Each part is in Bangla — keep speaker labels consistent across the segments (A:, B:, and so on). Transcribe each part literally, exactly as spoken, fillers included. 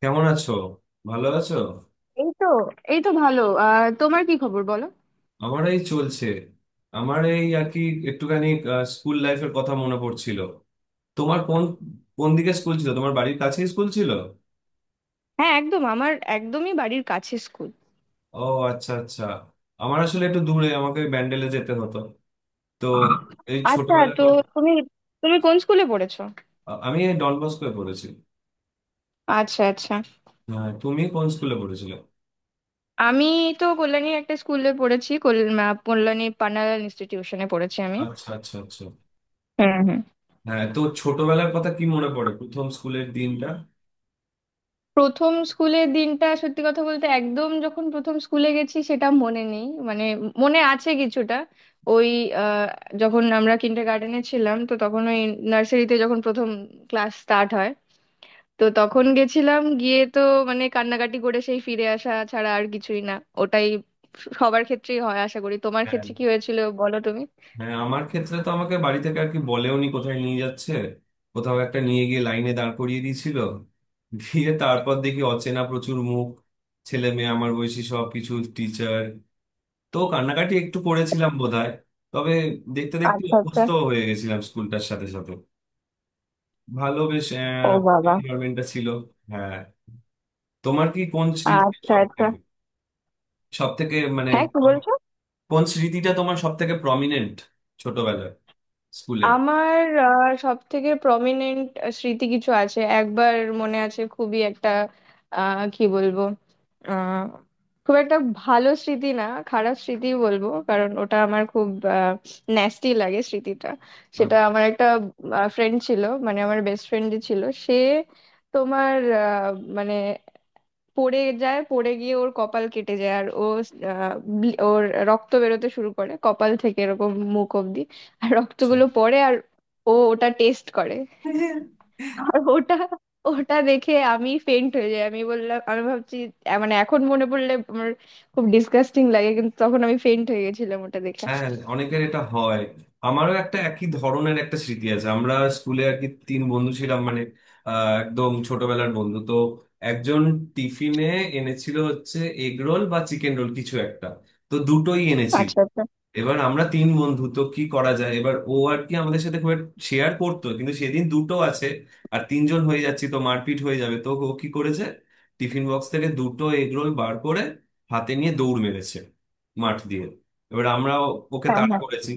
A: কেমন আছো? ভালো আছো?
B: এই তো। এই তো ভালো। আহ তোমার কি খবর বলো?
A: আমার এই চলছে, আমার এই আর কি, একটুখানি আহ, স্কুল লাইফের কথা মনে পড়ছিল। তোমার কোন কোন দিকে স্কুল ছিল? তোমার বাড়ির কাছেই স্কুল ছিল?
B: হ্যাঁ, একদম আমার একদমই বাড়ির কাছে স্কুল।
A: ও, আচ্ছা আচ্ছা। আমার আসলে একটু দূরে, আমাকে ব্যান্ডেলে যেতে হতো। তো এই
B: আচ্ছা,
A: ছোটবেলার
B: তো
A: কথা।
B: তুমি তুমি কোন স্কুলে পড়েছো?
A: আ- আমি এই ডন বস্কোয় পড়েছি।
B: আচ্ছা, আচ্ছা।
A: হ্যাঁ, তুমি কোন স্কুলে পড়েছিলে?
B: আমি তো কল্যাণীর একটা স্কুলে পড়েছি, কল- আহ, কল্যাণী পান্নালাল ইনস্টিটিউশনে পড়েছি আমি।
A: আচ্ছা আচ্ছা আচ্ছা।
B: হুম, হুম।
A: হ্যাঁ, তো ছোটবেলার কথা কি মনে পড়ে? প্রথম স্কুলের দিনটা?
B: প্রথম স্কুলের দিনটা সত্যি কথা বলতে একদম যখন প্রথম স্কুলে গেছি সেটা মনে নেই, মানে মনে আছে কিছুটা। ওই আহ, যখন আমরা কিন্ডার গার্ডেনে ছিলাম তো তখন ওই নার্সারিতে যখন প্রথম ক্লাস স্টার্ট হয়, তো তখন গেছিলাম, গিয়ে তো মানে কান্নাকাটি করে সেই ফিরে আসা ছাড়া আর কিছুই না। ওটাই সবার ক্ষেত্রেই হয়, আশা করি। তোমার
A: হ্যাঁ।
B: ক্ষেত্রে কি হয়েছিল বলো তুমি?
A: হ্যাঁ, আমার ক্ষেত্রে তো আমাকে বাড়ি থেকে আর কি বলেওনি কোথায় নিয়ে যাচ্ছে। কোথাও একটা নিয়ে গিয়ে লাইনে দাঁড় করিয়ে দিয়েছিল। দিয়ে তারপর দেখি অচেনা প্রচুর মুখ, ছেলে মেয়ে আমার বয়সী, সব কিছু, টিচার। তো কান্নাকাটি একটু করেছিলাম বোধহয়। তবে দেখতে দেখতে
B: আচ্ছা, আচ্ছা।
A: অভ্যস্ত হয়ে গেছিলাম স্কুলটার সাথে সাথে। ভালো, বেশ
B: ও বাবা!
A: এনভায়রনমেন্টটা ছিল। হ্যাঁ। তোমার কি কোন স্মৃতি
B: আচ্ছা,
A: সব
B: আচ্ছা।
A: থেকে, সব থেকে মানে
B: হ্যাঁ, কি বলছো?
A: কোন স্মৃতিটা তোমার সব থেকে প্রমিনেন্ট ছোটবেলায়, স্কুলে?
B: আমার সব থেকে প্রমিনেন্ট স্মৃতি কিছু আছে একবার। মনে আছে খুবই একটা। আহ কি বলবো, আহ খুব একটা ভালো স্মৃতি না, খারাপ স্মৃতি বলবো, কারণ ওটা আমার খুব ন্যাস্টি লাগে স্মৃতিটা। সেটা
A: আচ্ছা।
B: আমার একটা ফ্রেন্ড ছিল, মানে আমার বেস্ট ফ্রেন্ড ছিল। সে তোমার, আহ, মানে পড়ে যায়, পড়ে গিয়ে ওর কপাল কেটে যায়, আর ও আহ, ব্লি- ওর রক্ত বেরোতে শুরু করে কপাল থেকে এরকম মুখ অবধি, আর রক্তগুলো পড়ে, আর ও ওটা টেস্ট করে। আর ওটা ওটা দেখে আমি ফেন্ট হয়ে যাই। আমি বললাম আমি ভাবছি আহ, মানে এখন মনে পড়লে আমার খুব ডিসগাস্টিং লাগে, কিন্তু তখন আমি ফেন্ট হয়ে গেছিলাম ওটা দেখে।
A: হ্যাঁ, অনেকের এটা হয়। আমারও একটা একই ধরনের একটা স্মৃতি আছে। আমরা স্কুলে আর কি তিন বন্ধু ছিলাম, মানে আহ, একদম ছোটবেলার বন্ধু তো। একজন টিফিনে এনেছিল হচ্ছে এগ রোল বা চিকেন রোল কিছু একটা, তো দুটোই এনেছিল।
B: আচ্ছা, আচ্ছা।
A: এবার আমরা তিন বন্ধু, তো কি করা যায়? এবার ও আর কি আমাদের সাথে খুব শেয়ার করতো, কিন্তু সেদিন দুটো আছে আর তিনজন হয়ে যাচ্ছি, তো মারপিট হয়ে যাবে, তো ও কি করেছে, টিফিন বক্স থেকে দুটো এগরোল বার করে হাতে নিয়ে দৌড় মেরেছে মাঠ দিয়ে। এবার আমরা ও- ওকে
B: হ্যাঁ,
A: তাড়া
B: হ্যাঁ।
A: করেছি।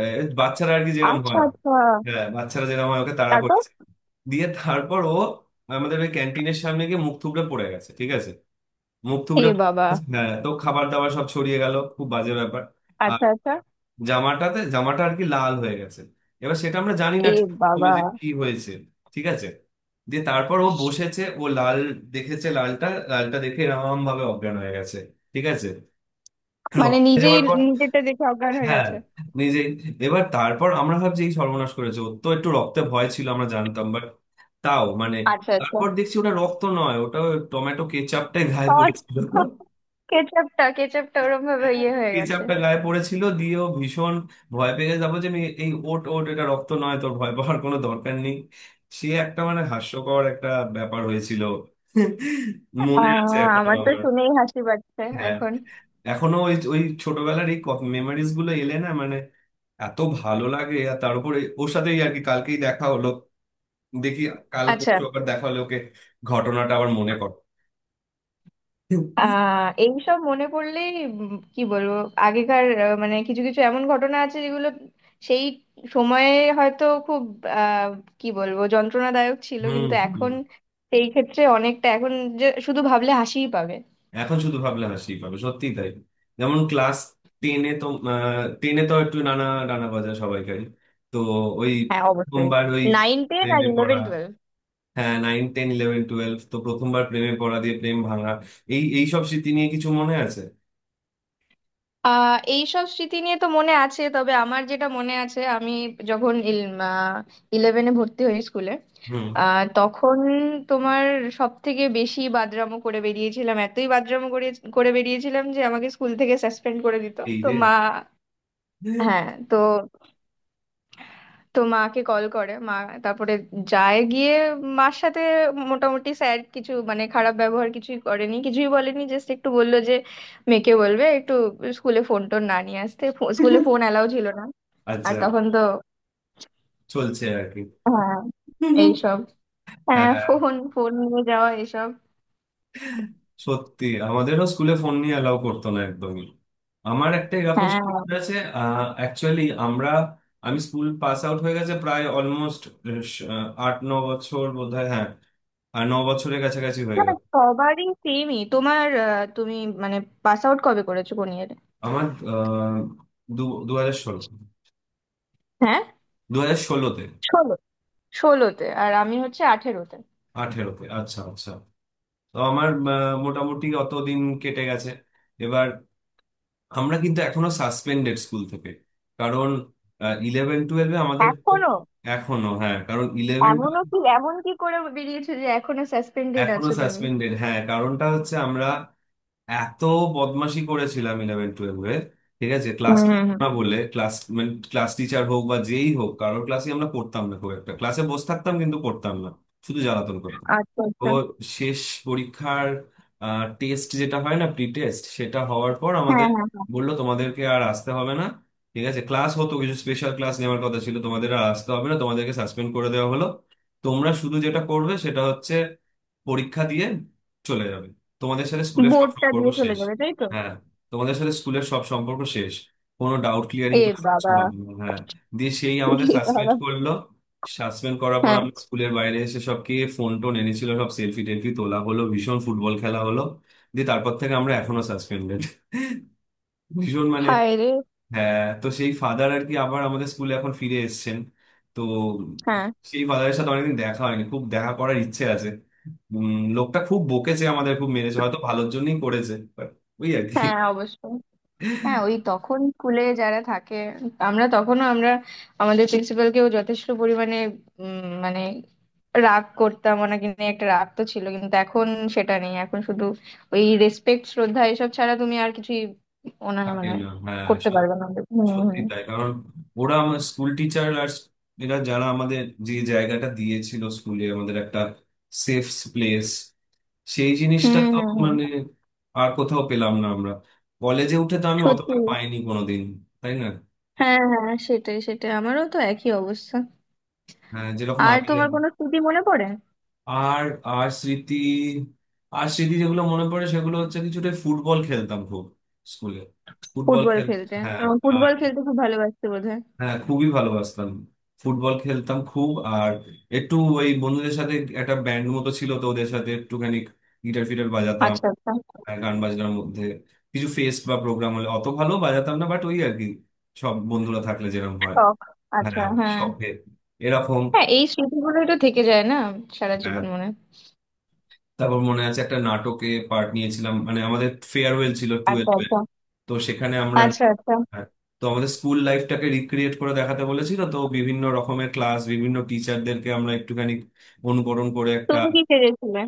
A: এ, বাচ্চারা আর কি যেরকম
B: আচ্ছা,
A: হয়।
B: আচ্ছা।
A: হ্যাঁ, বাচ্চারা যেরকম হয়, ওকে তাড়া
B: তারপর?
A: করেছে। দিয়ে তারপর ও আমাদের ওই ক্যান্টিনের সামনে গিয়ে মুখ থুবড়ে পড়ে গেছে। ঠিক আছে, মুখ
B: এ
A: থুবড়ে পড়ে
B: বাবা!
A: গেছে। হ্যাঁ, তো খাবার দাবার সব ছড়িয়ে গেল, খুব বাজে ব্যাপার।
B: আচ্ছা, আচ্ছা।
A: জামাটাতে, জামাটা আর কি লাল হয়ে গেছে। এবার সেটা আমরা জানি না
B: এ
A: ঠিক প্রথমে
B: বাবা,
A: যে কি হয়েছে। ঠিক আছে, দিয়ে তারপর ও বসেছে, ও লাল দেখেছে, লালটা লালটা দেখে এরকম ভাবে অজ্ঞান হয়ে গেছে। ঠিক আছে,
B: মানে
A: রক্তে
B: নিজেই
A: যাওয়ার পর।
B: নিজেরটা দেখে অজ্ঞান হয়ে
A: হ্যাঁ,
B: গেছে?
A: নিজেই। এবার তারপর আমরা ভাবছি এই সর্বনাশ করেছে, ওর তো একটু রক্তে ভয় ছিল আমরা জানতাম, বাট তাও মানে।
B: আচ্ছা, আচ্ছা।
A: তারপর দেখছি ওটা রক্ত নয়, ওটা টমেটো কেচাপটাই গায়ে
B: সস,
A: পড়েছিল।
B: কেচাপটা, কেচাপটা ওরম ভাবে ইয়ে হয়ে
A: কেচাপ
B: গেছে।
A: টা গায়ে পড়েছিল, দিয়ে ও ভীষণ ভয় পেয়ে যাবো যে আমি এই ওট ওট এটা রক্ত নয়, তোর ভয় পাওয়ার কোনো দরকার নেই। সে একটা মানে হাস্যকর একটা ব্যাপার হয়েছিল, মনে আছে
B: আহ
A: এখনো
B: আমার তো
A: আমার।
B: শুনেই হাসি পাচ্ছে
A: হ্যাঁ,
B: এখন।
A: এখনো ওই ওই ছোটবেলার এই মেমোরিজ গুলো এলে না, মানে এত ভালো লাগে। আর তার উপরে ওর সাথেই আর কি কালকেই দেখা হলো, দেখি কাল
B: আচ্ছা।
A: পরশু আবার দেখা হলো ওকে, ঘটনাটা আবার মনে কর।
B: আহ এইসব মনে পড়লেই উম কি বলবো, আগেকার আহ, মানে কিছু কিছু এমন ঘটনা আছে যেগুলো সেই সময়ে হয়তো খুব আহ কি বলবো, যন্ত্রণাদায়ক ছিল,
A: হুম
B: কিন্তু
A: হুম।
B: এখন সেই ক্ষেত্রে অনেকটা এখন যে শুধু ভাবলে হাসিই পাবে।
A: এখন শুধু ভাবলে হাসি পাবে, সত্যিই তাই। যেমন ক্লাস টেনে তো, টেনে তো একটু নানা ডানা বাজা সবাইকারই। তো ওই
B: হ্যাঁ, অবশ্যই।
A: প্রথমবার ওই
B: নাইন টেন আর
A: প্রেমে পড়া।
B: Eleven twelve.
A: হ্যাঁ, নাইন টেন ইলেভেন টুয়েলভ তো প্রথমবার প্রেমে পড়া, দিয়ে প্রেম ভাঙা, এই এই সব স্মৃতি নিয়ে কিছু মনে আছে?
B: আহ এইসব স্মৃতি নিয়ে তো মনে আছে, তবে আমার যেটা মনে আছে, আমি যখন ইলেভেনে ভর্তি হই স্কুলে,
A: হুম।
B: আহ, তখন তোমার সব থেকে বেশি বাদরামো করে বেরিয়েছিলাম, এতই বাদরামো করে করে বেরিয়েছিলাম যে আমাকে স্কুল থেকে সাসপেন্ড করে দিত,
A: এই
B: তো
A: রে।
B: মা। হ্যাঁ, তো তো মাকে কল করে, মা তারপরে যায়, গিয়ে মার সাথে মোটামুটি স্যার কিছু মানে খারাপ ব্যবহার কিছুই করেনি কিছুই বলেনি, জাস্ট একটু বললো যে মেয়েকে বলবে একটু স্কুলে ফোন টোন না নিয়ে আসতে। স্কুলে ফোন অ্যালাউ ছিল না। আর
A: আচ্ছা,
B: তখন তো
A: চলছে আর কি।
B: হ্যাঁ, এইসব। হ্যাঁ,
A: হ্যাঁ,
B: ফোন ফোন নিয়ে যাওয়া এসব।
A: সত্যি আমাদেরও স্কুলে ফোন নিয়ে অ্যালাউ করতো না একদমই। আমার একটা এরকম
B: হ্যাঁ।
A: শিক্ষক আছে। অ্যাকচুয়ালি আমরা, আমি স্কুল পাস আউট হয়ে গেছে প্রায় অলমোস্ট আট ন বছর বোধহয়। হ্যাঁ, আর ন বছরের কাছাকাছি হয়ে
B: না,
A: গেল।
B: সবারই সেমই। তোমার আহ, তুমি মানে পাস আউট কবে করেছো, কোন ইয়ারে?
A: আমার আহ, দু দু হাজার ষোলো,
B: হ্যাঁ,
A: দু হাজার ষোলোতে।
B: ষোলো। ষোলোতে আর আমি হচ্ছে আঠেরোতে।
A: আঠেরোতে, আচ্ছা আচ্ছা। তো আমার আহ, মোটামুটি অত দিন কেটে গেছে। এবার আমরা কিন্তু এখনো সাসপেন্ডেড স্কুল থেকে, কারণ ইলেভেন টুয়েলভে আমাদের তো।
B: এখনো?
A: এখনো হ্যাঁ, কারণ ইলেভেন,
B: এমনও কি, এমন কি করে বেরিয়েছো যে এখনো সাসপেন্ডেড
A: এখনো
B: আছো তুমি?
A: সাসপেন্ডেড। হ্যাঁ, কারণটা হচ্ছে আমরা এত বদমাশি করেছিলাম ইলেভেন টুয়েলভে। ঠিক আছে,
B: হুম,
A: ক্লাস
B: হুম, হুম।
A: না বলে ক্লাস মানে, ক্লাস টিচার হোক বা যেই হোক কারোর ক্লাসে আমরা পড়তাম না খুব একটা, ক্লাসে বসে থাকতাম কিন্তু পড়তাম না, শুধু জ্বালাতন করতাম।
B: আচ্ছা,
A: তো
B: আচ্ছা।
A: শেষ পরীক্ষার টেস্ট, যেটা হয় না প্রি টেস্ট, সেটা হওয়ার পর
B: হ্যাঁ,
A: আমাদের
B: হ্যাঁ, হ্যাঁ।
A: বললো তোমাদেরকে আর আসতে হবে না। ঠিক আছে, ক্লাস হতো কিছু স্পেশাল ক্লাস নেওয়ার কথা ছিল, তোমাদের আর আসতে হবে না, তোমাদেরকে সাসপেন্ড করে দেওয়া হলো। তোমরা শুধু যেটা করবে সেটা হচ্ছে পরীক্ষা দিয়ে চলে যাবে, তোমাদের সাথে স্কুলের সব
B: বোর্ডটা
A: সম্পর্ক
B: দিয়ে চলে
A: শেষ।
B: যাবে, তাই তো?
A: হ্যাঁ, তোমাদের সাথে স্কুলের সব সম্পর্ক শেষ, কোনো ডাউট ক্লিয়ারিং
B: এ
A: ক্লাস কিছু
B: বাবা!
A: হবে না। হ্যাঁ, দিয়ে সেই আমাদের
B: এ
A: সাসপেন্ড
B: বাবা!
A: করলো। সাসপেন্ড করার পর
B: হ্যাঁ।
A: আমরা স্কুলের বাইরে এসে সবকে ফোন টোন এনেছিল সব, সেলফি টেলফি তোলা হলো, ভীষণ ফুটবল খেলা হলো। দিয়ে তারপর থেকে আমরা এখনো সাসপেন্ডেড, ভীষণ মানে।
B: হায় রে!
A: হ্যাঁ, তো সেই ফাদার আর কি আবার আমাদের স্কুলে এখন ফিরে এসেছেন। তো
B: হ্যাঁ,
A: সেই ফাদারের সাথে অনেকদিন দেখা হয়নি, খুব দেখা করার ইচ্ছে আছে। উম, লোকটা খুব বকেছে আমাদের, খুব মেরেছে, হয়তো ভালোর জন্যই করেছে বাট ওই আর কি।
B: হ্যাঁ, অবশ্যই। হ্যাঁ, ওই তখন স্কুলে যারা থাকে, আমরা তখনও, আমরা আমাদের প্রিন্সিপালকেও যথেষ্ট পরিমাণে উম, মানে রাগ করতাম। ওনাকে নিয়ে একটা রাগ তো ছিল, কিন্তু এখন সেটা নেই। এখন শুধু ওই রেসপেক্ট, শ্রদ্ধা, এসব ছাড়া তুমি আর কিছুই ওনার
A: থাকে
B: মানে
A: না, হ্যাঁ।
B: করতে পারবে না। হুম, হুম,
A: সত্যি তাই, কারণ ওরা আমার স্কুল টিচার, আর এরা যারা আমাদের যে জায়গাটা দিয়েছিল স্কুলে, আমাদের একটা সেফ প্লেস, সেই
B: হুম,
A: জিনিসটা তো
B: হুম, হুম।
A: মানে আর কোথাও পেলাম না আমরা। কলেজে উঠে তো আমি অতটা
B: সত্যি।
A: পাইনি কোনোদিন। তাই না?
B: হ্যাঁ, হ্যাঁ, সেটাই সেটাই, আমারও তো একই অবস্থা।
A: হ্যাঁ, যেরকম
B: আর
A: আগে।
B: তোমার কোনো স্মৃতি মনে পড়ে?
A: আর আর স্মৃতি আর স্মৃতি যেগুলো মনে পড়ে সেগুলো হচ্ছে, কিছুটা ফুটবল খেলতাম খুব স্কুলে, ফুটবল
B: ফুটবল
A: খেল।
B: খেলতে,
A: হ্যাঁ,
B: তোমার ফুটবল খেলতে খুব ভালোবাসতে বোধহয়?
A: হ্যাঁ, খুবই ভালোবাসতাম, ফুটবল খেলতাম খুব। আর একটু ওই বন্ধুদের সাথে একটা ব্যান্ড মতো ছিল তো, ওদের সাথে একটুখানি গিটার ফিটার বাজাতাম।
B: আচ্ছা, আচ্ছা।
A: আর গান বাজনার মধ্যে কিছু ফেস্ট বা প্রোগ্রাম হলে অত ভালো বাজাতাম না, বাট ওই আর কি সব বন্ধুরা থাকলে যেরকম হয়।
B: শখ। আচ্ছা,
A: হ্যাঁ,
B: হ্যাঁ,
A: শখে এরকম।
B: হ্যাঁ, এই স্মৃতিগুলোই তো থেকে যায় না সারা
A: হ্যাঁ।
B: জীবন মনে।
A: তারপর মনে আছে একটা নাটকে পার্ট নিয়েছিলাম, মানে আমাদের ফেয়ারওয়েল ছিল
B: আচ্ছা,
A: টুয়েলভ এর,
B: আচ্ছা,
A: তো সেখানে আমরা।
B: আচ্ছা, আচ্ছা।
A: হ্যাঁ, তো আমাদের স্কুল লাইফটাকে রিক্রিয়েট করে দেখাতে বলেছিল, তো বিভিন্ন রকমের ক্লাস বিভিন্ন টিচারদেরকে আমরা একটুখানি অনুকরণ করে একটা।
B: তুমি কি সেজেছিলে?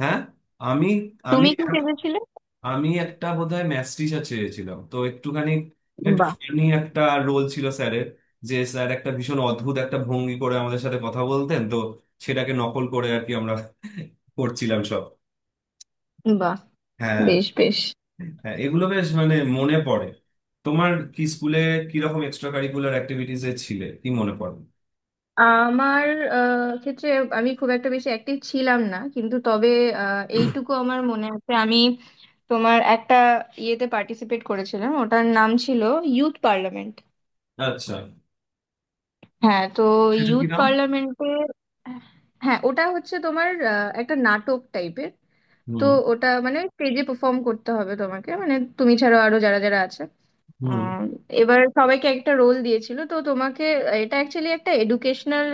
A: হ্যাঁ, আমি, আমি
B: তুমি কি সেজেছিলে?
A: আমি একটা বোধহয় ম্যাথ টিচার চেয়েছিলাম, তো একটুখানি একটু
B: বাহ,
A: ফানি একটা রোল ছিল স্যারের, যে স্যার একটা ভীষণ অদ্ভুত একটা ভঙ্গি করে আমাদের সাথে কথা বলতেন, তো সেটাকে নকল করে আর কি আমরা করছিলাম সব।
B: বাহ!
A: হ্যাঁ।
B: বেশ, বেশ।
A: হ্যাঁ, এগুলো বেশ মানে মনে পড়ে। তোমার কি স্কুলে কিরকম এক্সট্রা কারিকুলার অ্যাক্টিভিটিস এ ছিলে কি মনে পড়ে?
B: আমার আহ, ক্ষেত্রে আমি খুব একটা বেশি অ্যাক্টিভ ছিলাম না, কিন্তু তবে আহ, এইটুকু আমার মনে আছে, আমি তোমার একটা ইয়েতে পার্টিসিপেট করেছিলাম, ওটার নাম ছিল ইউথ পার্লামেন্ট।
A: আচ্ছা,
B: হ্যাঁ, তো
A: সেটা কি
B: ইউথ
A: নাম?
B: পার্লামেন্টে। হ্যাঁ, ওটা হচ্ছে তোমার আহ, একটা নাটক টাইপের। তো
A: হুম
B: ওটা মানে স্টেজে পারফর্ম করতে হবে তোমাকে, মানে তুমি ছাড়াও আরো যারা যারা আছে।
A: হুম।
B: আহ, এবার সবাইকে একটা রোল দিয়েছিল, তো তোমাকে এটা অ্যাকচুয়ালি একটা এডুকেশনাল,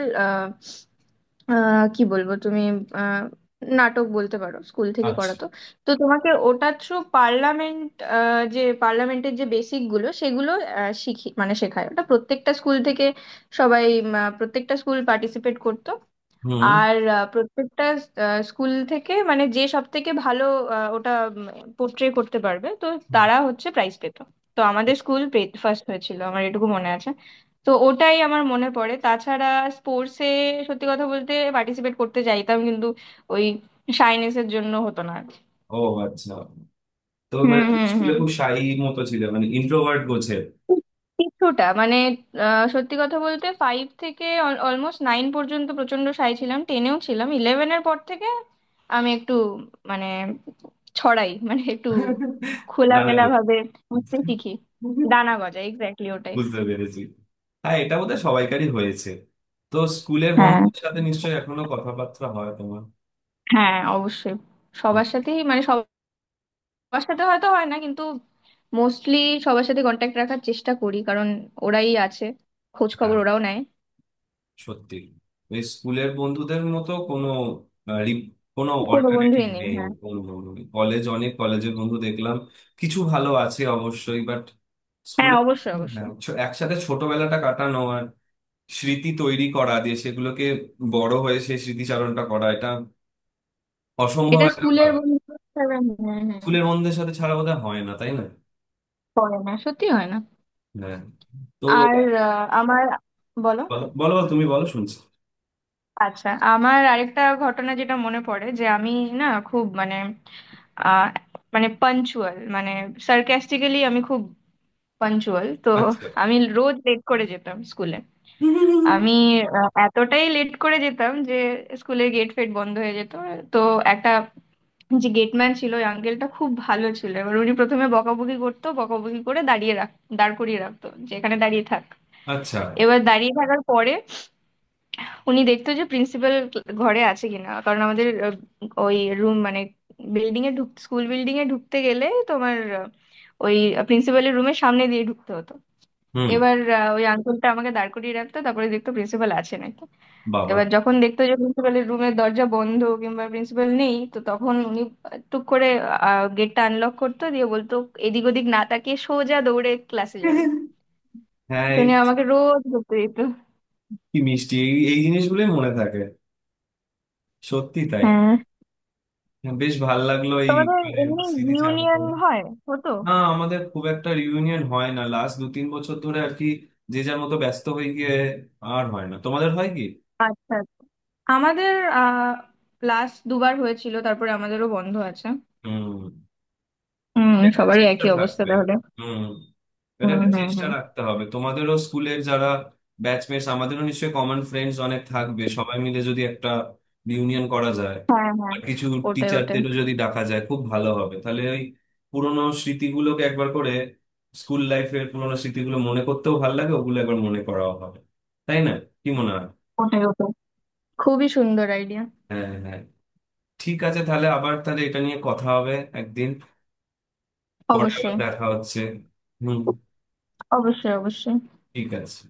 B: কি বলবো তুমি, আহ, নাটক বলতে পারো, স্কুল থেকে
A: আচ্ছা।
B: করাতো। তো তোমাকে ওটা থ্রু পার্লামেন্ট, যে পার্লামেন্টের যে বেসিক গুলো সেগুলো আহ, শিখি, মানে শেখায় ওটা। প্রত্যেকটা স্কুল থেকে সবাই উম, আহ, প্রত্যেকটা স্কুল পার্টিসিপেট করতো।
A: হুম।
B: আর আহ, প্রত্যেকটা আহ, স্কুল থেকে মানে যে সব থেকে ভালো আহ, ওটা পোর্ট্রে করতে পারবে, তো তারা হচ্ছে প্রাইজ পেত। তো আমাদের স্কুল ফার্স্ট হয়েছিল, আমার এটুকু মনে আছে। তো ওটাই আমার মনে পড়ে। তাছাড়া স্পোর্টসে সত্যি কথা বলতে পার্টিসিপেট করতে চাইতাম, কিন্তু ওই শাইনেসের জন্য হতো না আর কি।
A: ও আচ্ছা। তো
B: হুম,
A: মানে তুমি
B: হুম,
A: স্কুলে
B: হুম।
A: খুব শাই মতো ছিলে, মানে ইন্ট্রোভার্ট গোছের?
B: কিছুটা মানে আহ, সত্যি কথা বলতে ফাইভ থেকে অলমোস্ট নাইন পর্যন্ত প্রচন্ড সাই ছিলাম, টেনেও ছিলাম। ইলেভেনের পর থেকে আমি একটু মানে ছড়াই, মানে একটু
A: নানা
B: খোলামেলা
A: গোছ,
B: ভাবে বুঝতে শিখি। দানা গজায় এক্স্যাক্টলি ওটাই।
A: বুঝতে পেরেছি। হ্যাঁ, এটা বোধহয় সবাইকারই হয়েছে। তো স্কুলের
B: হ্যাঁ,
A: বন্ধুদের সাথে নিশ্চয়ই এখনো কথাবার্তা হয় তোমার?
B: হ্যাঁ, অবশ্যই।
A: হুম।
B: সবার সাথেই মানে সবার সাথে হয়তো হয় না, কিন্তু মোস্টলি সবার সাথে কন্ট্যাক্ট রাখার চেষ্টা করি, কারণ ওরাই আছে, খোঁজ খবর
A: হ্যাঁ।
B: ওরাও নেয়।
A: সত্যি ওই স্কুলের বন্ধুদের মতো কোনো আহ, রি- কোনো
B: কোনো বন্ধুই
A: অল্টারনেটিভ
B: নেই,
A: নেই।
B: হ্যাঁ।
A: কলেজ, অনেক কলেজের বন্ধু দেখলাম, কিছু ভালো আছে অবশ্যই, বাট
B: হ্যাঁ,
A: স্কুলে।
B: অবশ্যই,
A: হ্যাঁ,
B: অবশ্যই।
A: ছ- একসাথে ছোটবেলাটা কাটানো আর স্মৃতি তৈরি করা, দিয়ে সেগুলোকে বড় হয়ে সেই স্মৃতিচারণটা করা, এটা অসম্ভব
B: এটা
A: একটা
B: স্কুলের
A: ভালো।
B: বন্ধু। হ্যাঁ। হ্যাঁ,
A: স্কুলের বন্ধুদের সাথে ছাড়া বোধহয় হয় না, তাই না?
B: পড়ে না, সত্যি হয় না।
A: হ্যাঁ। তো বলো।
B: আর আহ, আমার বলো।
A: বলো বলো, তুমি বলো, শুনছি।
B: আচ্ছা, আমার আরেকটা ঘটনা যেটা মনে পড়ে, যে আমি না, খুব মানে আহ, মানে পাঞ্চুয়াল, মানে সার্কাস্টিক্যালি আমি খুব পাঞ্চুয়াল, তো
A: আচ্ছা
B: আমি রোজ লেট করে যেতাম স্কুলে। আমি আহ, এতটাই লেট করে যেতাম যে স্কুলের গেট ফেট বন্ধ হয়ে যেত। তো একটা যে গেটম্যান ছিল, ওই আঙ্কেলটা খুব ভালো ছিল। এবার উনি প্রথমে বকাবকি করতো, বকাবকি করে দাঁড়িয়ে রাখ দাঁড় করিয়ে রাখতো যে এখানে দাঁড়িয়ে থাক।
A: আচ্ছা।
B: এবার দাঁড়িয়ে থাকার পরে উনি দেখতো যে প্রিন্সিপাল ঘরে আছে কিনা, কারণ আমাদের আহ, ওই রুম মানে বিল্ডিং এ ঢুক স্কুল বিল্ডিং এ ঢুকতে গেলে তোমার আহ, ওই প্রিন্সিপালের রুমের সামনে দিয়ে ঢুকতে হতো।
A: হুম।
B: এবার আহ, ওই আঙ্কেলটা আমাকে দাঁড় করিয়ে রাখতো, তারপরে দেখতো প্রিন্সিপাল আছে নাকি।
A: বাবা।
B: এবার যখন দেখতো যে প্রিন্সিপালের রুমের দরজা বন্ধ কিংবা প্রিন্সিপাল নেই, তো তখন উনি টুক করে গেটটা আনলক করতো, দিয়ে বলতো, এদিক ওদিক না তাকিয়ে সোজা দৌড়ে ক্লাসে যাবি।
A: হ্যাঁ,
B: তো উনি আমাকে রোজ ধরতে দিত।
A: কি মিষ্টি, এই এই জিনিসগুলোই মনে থাকে, সত্যি তাই।
B: হ্যাঁ,
A: হ্যাঁ, বেশ ভাল লাগলো এই
B: তোমাদের
A: মানে
B: এমনি
A: স্মৃতি চারণ
B: ইউনিয়ন
A: করে।
B: হয়, হতো?
A: না, আমাদের খুব একটা রিউনিয়ন হয় না লাস্ট দু তিন বছর ধরে আর কি, যে যার মতো ব্যস্ত হয়ে গিয়ে আর হয় না। তোমাদের হয় কি?
B: আচ্ছা, আচ্ছা। আমাদের আহ ক্লাস দুবার হয়েছিল, তারপরে আমাদেরও বন্ধ আছে।
A: হুম,
B: হুম,
A: একটা
B: সবারই
A: চেষ্টা
B: একই অবস্থা
A: থাকবে।
B: তাহলে।
A: হুম, এটা
B: হুম,
A: একটা
B: হুম,
A: চেষ্টা
B: হুম।
A: রাখতে হবে। তোমাদেরও স্কুলের যারা ব্যাচমেটস, আমাদেরও নিশ্চয়ই কমন ফ্রেন্ডস অনেক থাকবে, সবাই মিলে যদি একটা ইউনিয়ন করা যায়,
B: হ্যাঁ, হ্যাঁ।
A: আর কিছু
B: ওটাই, ওটাই,
A: টিচারদেরও যদি ডাকা যায়, খুব ভালো হবে তাহলে। ওই পুরোনো স্মৃতিগুলোকে একবার করে, স্কুল লাইফের পুরোনো স্মৃতিগুলো মনে করতেও ভালো লাগে, ওগুলো একবার মনে করাও হবে। তাই না? কি মনে হয়?
B: ওটাই, ওটাই খুবই সুন্দর আইডিয়া।
A: হ্যাঁ, হ্যাঁ। ঠিক আছে, তাহলে আবার তাহলে এটা নিয়ে কথা হবে একদিন, পরে আবার
B: অবশ্যই,
A: দেখা হচ্ছে। হুম।
B: অবশ্যই, অবশ্যই।
A: ঠিক আছে।